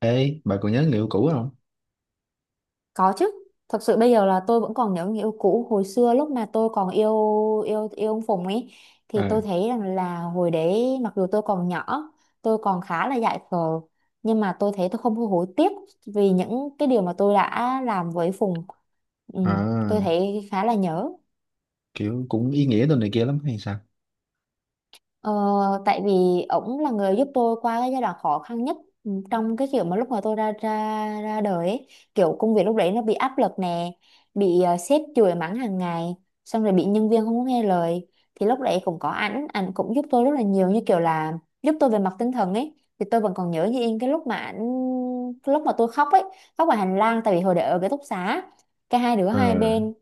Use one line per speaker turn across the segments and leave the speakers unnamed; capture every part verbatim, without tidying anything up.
Ê, bà còn nhớ người yêu cũ không?
Có chứ. Thật sự bây giờ là tôi vẫn còn nhớ người yêu cũ hồi xưa lúc mà tôi còn yêu yêu yêu ông Phùng ấy thì tôi
À.
thấy rằng là hồi đấy mặc dù tôi còn nhỏ, tôi còn khá là dại khờ nhưng mà tôi thấy tôi không hối hối tiếc vì những cái điều mà tôi đã làm với Phùng. Ừ, tôi
À.
thấy khá là nhớ.
Kiểu cũng ý nghĩa đồ này kia lắm hay sao?
Ờ, tại vì ổng là người giúp tôi qua cái giai đoạn khó khăn nhất, ừ, trong cái kiểu mà lúc mà tôi ra ra ra đời ấy. Kiểu công việc lúc đấy nó bị áp lực nè, bị ờ, sếp chửi mắng hàng ngày, xong rồi bị nhân viên không có nghe lời thì lúc đấy cũng có ảnh ảnh cũng giúp tôi rất là nhiều như kiểu là giúp tôi về mặt tinh thần ấy thì tôi vẫn còn nhớ như in cái lúc mà ảnh cái lúc mà tôi khóc ấy, khóc ở hành lang tại vì hồi đấy ở cái ký túc xá cái hai đứa
Ờ.
hai bên,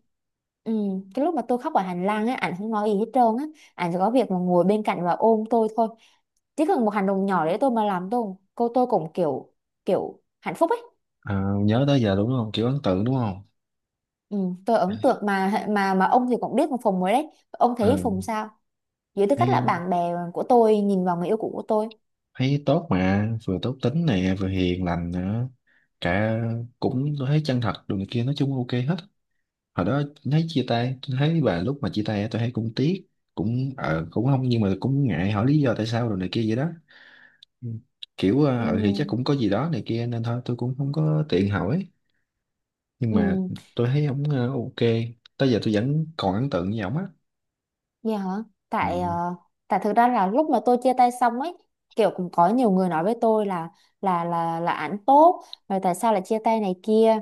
ừ, cái lúc mà tôi khóc ở hành lang ấy ảnh không nói gì hết trơn á, anh chỉ có việc mà ngồi bên cạnh và ôm tôi thôi, chỉ cần một hành động nhỏ đấy tôi mà làm tôi cô tôi cũng kiểu kiểu hạnh phúc ấy.
À. Ờ, nhớ tới giờ đúng không? Kiểu ấn tượng đúng không?
Ừ, tôi ấn tượng mà mà mà ông thì cũng biết một Phùng rồi đấy ông thấy
ờ,
Phùng sao dưới tư cách là
Thấy,
bạn bè của tôi nhìn vào người yêu cũ của tôi.
thấy tốt mà, vừa tốt tính nè, vừa hiền lành nữa. Cả Cũng tôi thấy chân thật đồ này kia, nói chung ok hết. Hồi đó thấy chia tay, tôi thấy bà lúc mà chia tay á, tôi thấy cũng tiếc. Cũng ờ, cũng không, nhưng mà cũng ngại hỏi lý do tại sao đồ này kia vậy đó. Ừ. Kiểu
Ừ,
ờ ờ thì chắc cũng có gì đó này kia nên thôi tôi cũng không có tiện hỏi. Nhưng mà
ừ.
tôi thấy ổng ờ, ok, tới giờ tôi vẫn còn ấn tượng với ổng á.
Dạ hả?
Ừ.
Tại ờ, tại thực ra là lúc mà tôi chia tay xong ấy, kiểu cũng có nhiều người nói với tôi là là là là ảnh tốt, rồi tại sao lại chia tay này kia.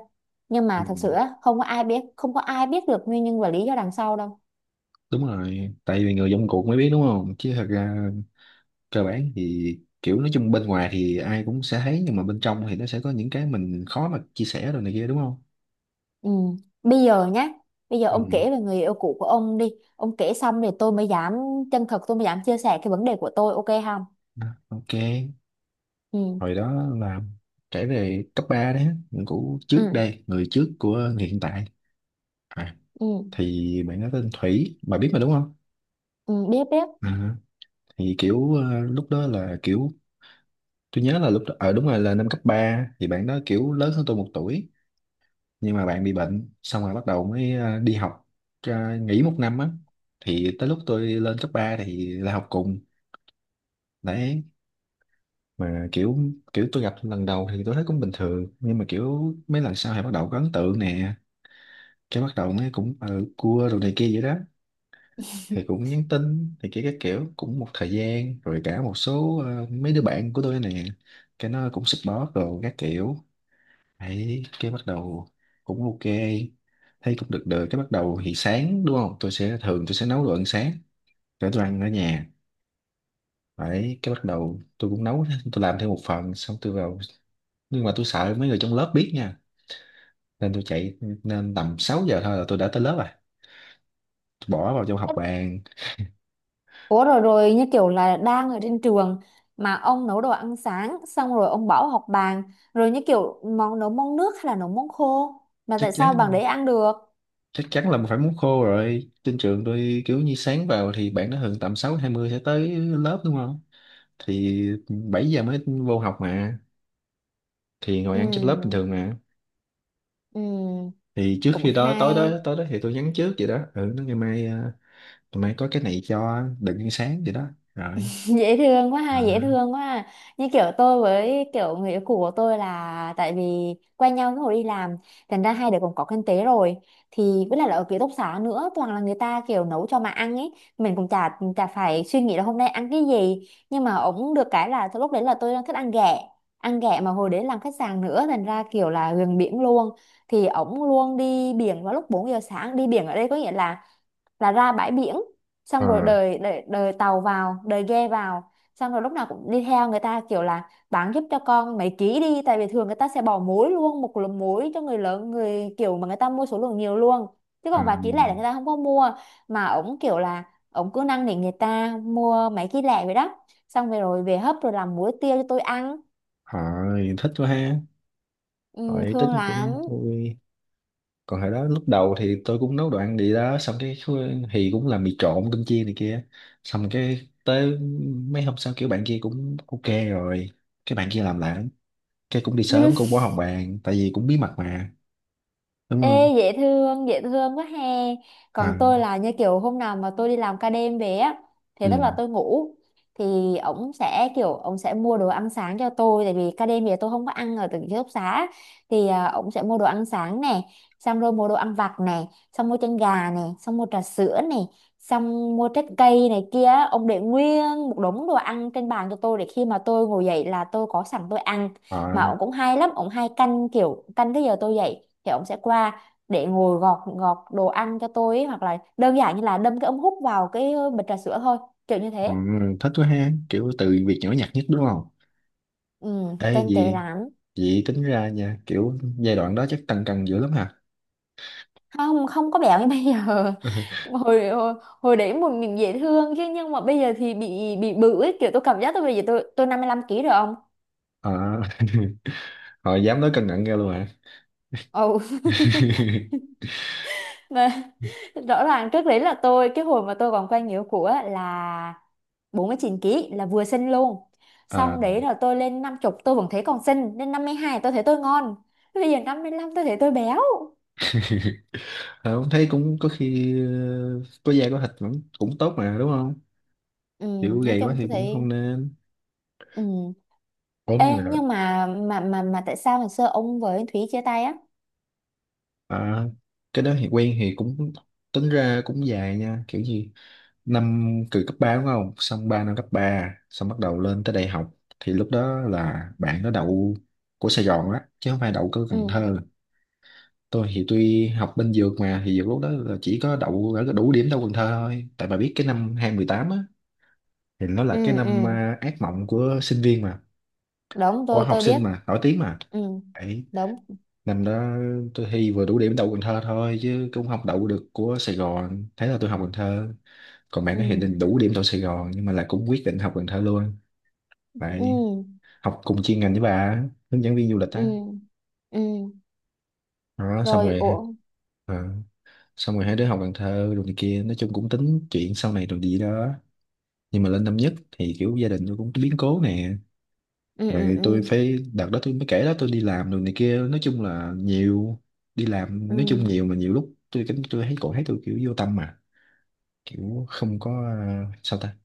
Nhưng
Ừ.
mà thật sự á, không có ai biết, không có ai biết được nguyên nhân và lý do đằng sau đâu.
Đúng rồi, tại vì người trong cuộc mới biết đúng không, chứ thật ra cơ bản thì kiểu nói chung bên ngoài thì ai cũng sẽ thấy, nhưng mà bên trong thì nó sẽ có những cái mình khó mà chia sẻ rồi này kia đúng không.
Ừ. Bây giờ nhá, bây giờ
Ừ.
ông kể về người yêu cũ của ông đi. Ông kể xong thì tôi mới dám chân thật, tôi mới dám chia sẻ cái vấn đề của tôi, ok không?
Ừ, ok.
Ừ.
Hồi đó là kể về cấp ba đấy, người cũ trước
Ừ.
đây, người trước của người hiện tại. à,
Ừ.
thì bạn nói tên Thủy bà biết mà đúng không.
Ừ. Biết biết.
à, thì kiểu ờ, lúc đó là kiểu tôi nhớ là lúc đó ở đúng rồi là năm cấp ba, thì bạn đó kiểu lớn hơn tôi một tuổi, nhưng mà bạn bị bệnh xong rồi bắt đầu mới ờ, đi học, ờ, nghỉ một năm á. Thì tới lúc tôi lên cấp ba thì là học cùng đấy. Mà kiểu kiểu tôi gặp lần đầu thì tôi thấy cũng bình thường, nhưng mà kiểu mấy lần sau thì bắt đầu có ấn tượng nè. Cái bắt đầu mới cũng ừ, cua đồ này kia vậy đó. Thì cũng nhắn tin thì kia các kiểu cũng một thời gian rồi, cả một số ờ, mấy đứa bạn của tôi nè, cái nó cũng support đồ các kiểu. Đấy, cái bắt đầu cũng ok, thấy cũng được được. Cái bắt đầu thì sáng đúng không, tôi sẽ thường tôi sẽ nấu đồ ăn sáng để tôi ăn ở nhà. Đấy, cái bắt đầu tôi cũng nấu, tôi làm thêm một phần xong tôi vào. Nhưng mà tôi sợ mấy người trong lớp biết nha, nên tôi chạy, nên tầm sáu giờ thôi là tôi đã tới lớp rồi, tôi bỏ vào trong học bàn.
Ủa rồi rồi như kiểu là đang ở trên trường mà ông nấu đồ ăn sáng xong rồi ông bảo học bàn rồi như kiểu món nấu món nước hay là nấu món khô mà
Chắc
tại
chắn
sao bằng đấy ăn được?
chắc chắn là phải muốn khô rồi. Trên trường tôi kiểu như sáng vào thì bạn nó thường tầm sáu hai mươi sẽ tới lớp đúng không, thì bảy giờ mới vô học mà, thì ngồi
Ừ,
ăn trên lớp bình thường mà.
ừ,
Thì trước
cũng
khi đó, tối đó
hay.
tối đó thì tôi nhắn trước vậy đó, ừ nó ngày mai, à, ngày mai có cái này cho, đừng ăn sáng vậy đó, rồi.
Dễ thương quá
Ừ.
ha, dễ thương quá ha. Như kiểu tôi với kiểu người yêu cũ của tôi là tại vì quen nhau lúc hồi đi làm thành ra hai đứa cũng có kinh tế rồi thì với lại là ở ký túc xá nữa toàn là người ta kiểu nấu cho mà ăn ấy, mình cũng chả chả phải suy nghĩ là hôm nay ăn cái gì nhưng mà ổng được cái là lúc đấy là tôi đang thích ăn ghẹ, ăn ghẹ mà hồi đấy làm khách sạn nữa thành ra kiểu là gần biển luôn thì ổng luôn đi biển vào lúc bốn giờ sáng, đi biển ở đây có nghĩa là là ra bãi biển
ờ
xong rồi đời đời, đời tàu vào đời ghe vào xong rồi lúc nào cũng đi theo người ta kiểu là bán giúp cho con mấy ký đi tại vì thường người ta sẽ bỏ muối luôn một lượng muối cho người lớn người kiểu mà người ta mua số lượng nhiều luôn, chứ
ờ
còn vài ký lẻ là người ta không có mua, mà ổng kiểu là ổng cứ năn nỉ người ta mua mấy ký lẻ vậy đó xong rồi rồi về hấp rồi làm muối tiêu cho tôi ăn.
Hỏi thích quá ha,
Ừ,
hỏi tính
thương lắm.
cũng vui. Còn hồi đó lúc đầu thì tôi cũng nấu đồ ăn gì đó xong cái khu- thì cũng làm mì trộn cơm chiên này kia. Xong cái tới mấy hôm sau kiểu bạn kia cũng ok rồi, cái bạn kia làm lại, cái cũng đi sớm cũng bỏ hồng bàn, tại vì cũng bí mật mà đúng không.
Ê dễ thương, dễ thương quá he. Còn
À.
tôi là như kiểu hôm nào mà tôi đi làm ca đêm về á, thì
Ừ.
tức là tôi ngủ thì ổng sẽ kiểu ổng sẽ mua đồ ăn sáng cho tôi tại vì ca đêm về tôi không có ăn ở từ ký túc xá thì à, ổng sẽ mua đồ ăn sáng nè, xong rồi mua đồ ăn vặt nè, xong mua chân gà nè, xong mua trà sữa nè, xong mua trái cây này kia, ông để nguyên một đống đồ ăn trên bàn cho tôi để khi mà tôi ngồi dậy là tôi có sẵn tôi ăn. Mà ổng cũng hay lắm, ổng hay canh kiểu canh cái giờ tôi dậy thì ổng sẽ qua để ngồi gọt gọt đồ ăn cho tôi ấy, hoặc là đơn giản như là đâm cái ống hút vào cái ờ, bịch trà sữa thôi, kiểu như
Ừ,
thế.
thích quá ha, kiểu từ việc nhỏ nhặt nhất đúng không.
Ừ,
Ê
tinh tế
gì,
lắm.
vậy tính ra nha, kiểu giai đoạn đó chắc tăng cân dữ lắm hả?
Không, không có béo như bây giờ. hồi hồi, Hồi đấy mình, mình dễ thương chứ nhưng mà bây giờ thì bị bị bự ấy kiểu tôi cảm giác tôi bây giờ tôi tôi năm mươi lăm ký rồi ông.
à, họ dám nói cân nặng ra luôn hả?
Ồ. Mà rõ ràng trước đấy là tôi cái hồi mà tôi còn quen người yêu cũ á là bốn mươi chín kg là vừa xinh luôn,
à,
xong đấy là tôi lên năm chục tôi vẫn thấy còn xinh, lên năm mươi hai tôi thấy tôi ngon, bây giờ năm mươi lăm tôi thấy tôi béo.
Không, thấy cũng có khi ờ, có da có thịt vẫn cũng tốt mà đúng không,
Ừ,
kiểu
nói
gầy quá
chung
thì
tôi
cũng
thấy.
không nên
Ừ.
ốm
Ê,
mà.
nhưng mà mà mà mà tại sao ngày xưa ông với Thúy chia tay á.
à, cái đó thì quen thì cũng tính ra cũng dài nha, kiểu gì năm, từ cấp ba đúng không, xong ba năm cấp ba, xong bắt đầu lên tới đại học. Thì lúc đó là bạn nó đậu của Sài Gòn á chứ không phải đậu của Cần
Ừ,
Thơ. Tôi thì tuy học bên dược, mà thì dược lúc đó là chỉ có đậu ở cái đủ điểm đậu Cần Thơ thôi, tại bà biết cái năm hai không một tám á, thì nó
ừ,
là cái năm
ừ.
à, ác mộng của sinh viên mà,
Đúng,
của
tôi
học
tôi
sinh
biết.
mà, nổi tiếng mà.
Ừ,
Đấy.
đúng.
Năm đó tôi thi vừa đủ điểm đậu Cần Thơ thôi chứ cũng không đậu được của Sài Gòn. Thế là tôi học Cần Thơ. Còn bạn
Ừ,
nó thì định đủ điểm đậu Sài Gòn nhưng mà là cũng quyết định học Cần Thơ luôn. Lại
ừ,
học cùng chuyên ngành với bà, hướng dẫn viên du lịch
ừ,
á.
ừ
Đó xong
rồi,
rồi,
ủa.
ờ, xong rồi hai đứa học Cần Thơ rồi này kia, nói chung cũng tính chuyện sau này rồi gì đó. Nhưng mà lên năm nhất thì kiểu gia đình tôi cũng có biến cố nè,
Ừ, ừ,
rồi tôi
ừ,
phải, đợt đó tôi mới kể đó, tôi đi làm rồi này kia, nói chung là nhiều, đi làm
ừ,
nói chung nhiều, mà nhiều lúc tôi cảm tôi thấy cổ thấy tôi kiểu vô tâm mà, kiểu không có, ờ, sao ta,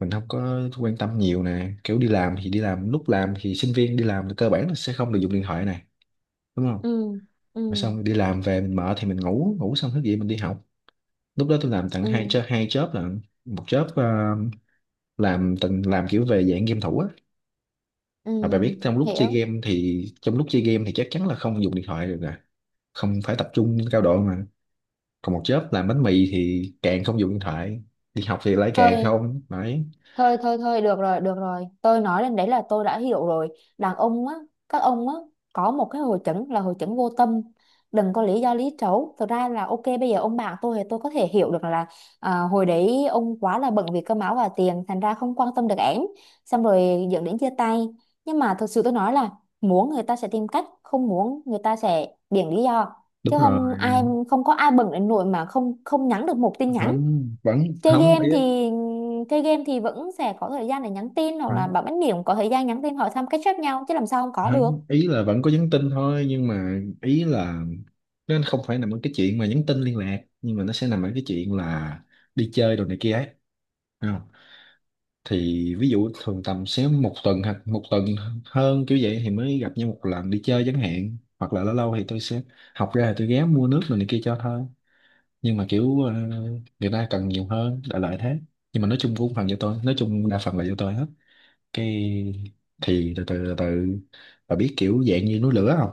mình không có quan tâm nhiều nè. Kiểu đi làm thì đi làm, lúc làm thì sinh viên đi làm thì cơ bản là sẽ không được dùng điện thoại này đúng không.
ừ, ừ,
Rồi xong đi làm về mình mở thì mình ngủ ngủ xong thức dậy mình đi học. Lúc đó tôi làm tận hai
ừ,
job, hai job là một job ờ, làm từng làm kiểu về dạng game thủ á,
ừ,
mà bà biết trong lúc chơi
hiểu.
game thì trong lúc chơi game thì chắc chắn là không dùng điện thoại được rồi, không phải tập trung cao độ mà. Còn một job làm bánh mì thì càng không dùng điện thoại, đi học thì lại càng
thôi
không đấy.
thôi thôi thôi được rồi, được rồi, tôi nói đến đấy là tôi đã hiểu rồi. Đàn ông á, các ông á, có một cái hội chứng là hội chứng vô tâm, đừng có lý do lý trấu. Thực ra là ok bây giờ ông bạn tôi thì tôi có thể hiểu được là à, hồi đấy ông quá là bận vì cơm áo và tiền thành ra không quan tâm được ẻn xong rồi dẫn đến chia tay. Nhưng mà thực sự tôi nói là muốn người ta sẽ tìm cách, không muốn người ta sẽ biện lý do.
Đúng
Chứ không ai,
rồi.
không có ai bận đến nỗi mà không không nhắn được một tin nhắn.
Không vẫn
Chơi
không
game
ý-
thì chơi game thì vẫn sẽ có thời gian để nhắn tin hoặc là bảo bánh điểm có thời gian nhắn tin hỏi thăm catch up nhau chứ làm sao không có
Không,
được.
ý là vẫn có nhắn tin thôi, nhưng mà ý là nó không phải nằm ở cái chuyện mà nhắn tin liên lạc, nhưng mà nó sẽ nằm ở cái chuyện là đi chơi đồ này kia ấy. Thấy không? Thì ví dụ thường tầm sẽ một tuần hoặc một tuần hơn kiểu vậy thì mới gặp nhau một lần đi chơi chẳng hạn, hoặc là lâu lâu thì tôi sẽ học ra thì tôi ghé mua nước rồi này kia cho thôi. Nhưng mà kiểu ờ, người ta cần nhiều hơn, đại loại thế. Nhưng mà nói chung cũng phần cho tôi, nói chung đa phần là do tôi hết. Cái thì từ từ từ từ và biết kiểu dạng như núi lửa không,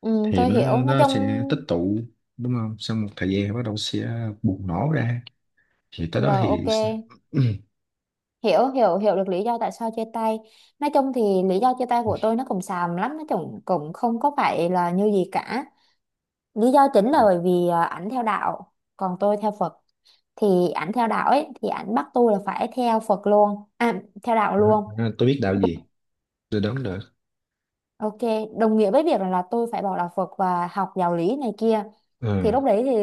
Ừ,
thì
tôi
nó
hiểu, nói
nó
chung
sẽ tích tụ, đúng không, sau một thời gian bắt đầu sẽ bùng nổ ra, thì tới đó
rồi ok.
thì
Hiểu hiểu hiểu được lý do tại sao chia tay. Nói chung thì lý do chia tay của tôi nó cũng xàm lắm, nó cũng cũng không có phải là như gì cả, lý do chính là bởi vì à, ảnh theo đạo còn tôi theo Phật thì ảnh theo đạo ấy thì ảnh bắt tôi là phải theo Phật luôn à, theo đạo
Ừ,
luôn.
tôi biết đạo gì, tôi đoán được.
Ok, đồng nghĩa với việc là là tôi phải bỏ đạo Phật và học giáo lý này kia. Thì
Ừ.
lúc đấy thì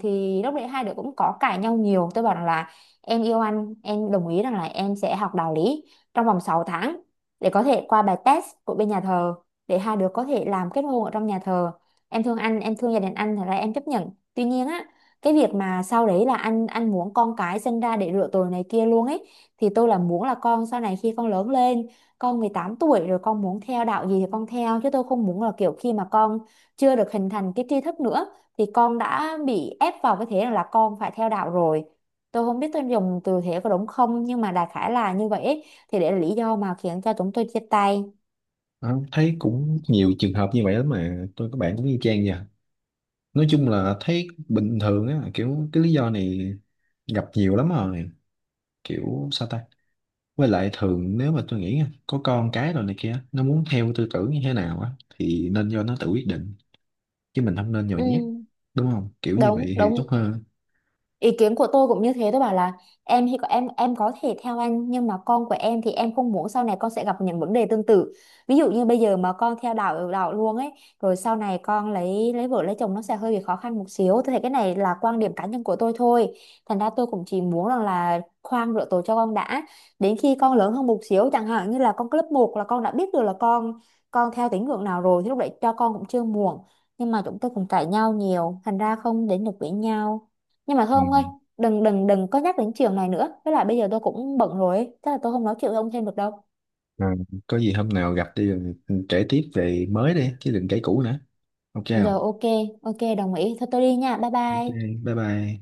thì Lúc đấy hai đứa cũng có cãi nhau nhiều. Tôi bảo rằng là em yêu anh, em đồng ý rằng là em sẽ học đạo lý trong vòng sáu tháng để có thể qua bài test của bên nhà thờ để hai đứa có thể làm kết hôn ở trong nhà thờ. Em thương anh, em thương gia đình anh thì là em chấp nhận. Tuy nhiên á, cái việc mà sau đấy là anh anh muốn con cái sinh ra để rửa tội này kia luôn ấy thì tôi là muốn là con sau này khi con lớn lên con mười tám tuổi rồi con muốn theo đạo gì thì con theo, chứ tôi không muốn là kiểu khi mà con chưa được hình thành cái tri thức nữa thì con đã bị ép vào cái thế là con phải theo đạo rồi. Tôi không biết tôi dùng từ thế có đúng không nhưng mà đại khái là như vậy ấy. Thì để là lý do mà khiến cho chúng tôi chia tay.
Ờ, thấy cũng nhiều trường hợp như vậy lắm mà, tôi các bạn cũng y chang vậy, nói chung là thấy bình thường á, kiểu cái lý do này gặp nhiều lắm rồi, kiểu sao ta, với lại thường nếu mà tôi nghĩ nha, có con cái rồi này kia nó muốn theo tư tưởng như thế nào á thì nên do nó tự quyết định chứ mình không nên nhồi
Ừ,
nhét, đúng không, kiểu như vậy
đúng
thì tốt
đúng,
hơn.
ý kiến của tôi cũng như thế, tôi bảo là em thì có em em có thể theo anh nhưng mà con của em thì em không muốn sau này con sẽ gặp những vấn đề tương tự, ví dụ như bây giờ mà con theo đạo đạo luôn ấy rồi sau này con lấy lấy vợ lấy chồng nó sẽ hơi bị khó khăn một xíu, tôi thấy cái này là quan điểm cá nhân của tôi thôi, thành ra tôi cũng chỉ muốn rằng là khoan rửa tội cho con đã, đến khi con lớn hơn một xíu chẳng hạn như là con lớp một là con đã biết được là con con theo tín ngưỡng nào rồi thì lúc đấy cho con cũng chưa muộn. Nhưng mà chúng tôi cũng cãi nhau nhiều thành ra không đến được với nhau. Nhưng mà thôi
Ừ.
ông ơi, đừng đừng đừng có nhắc đến chiều này nữa, với lại bây giờ tôi cũng bận rồi ấy. Chắc là tôi không nói chuyện với ông thêm được đâu.
Rồi, có gì hôm nào gặp đi rồi kể tiếp về mới đi chứ đừng kể cũ nữa, ok không?
Rồi ok, ok đồng ý, thôi tôi đi nha, bye
Ok
bye.
bye bye.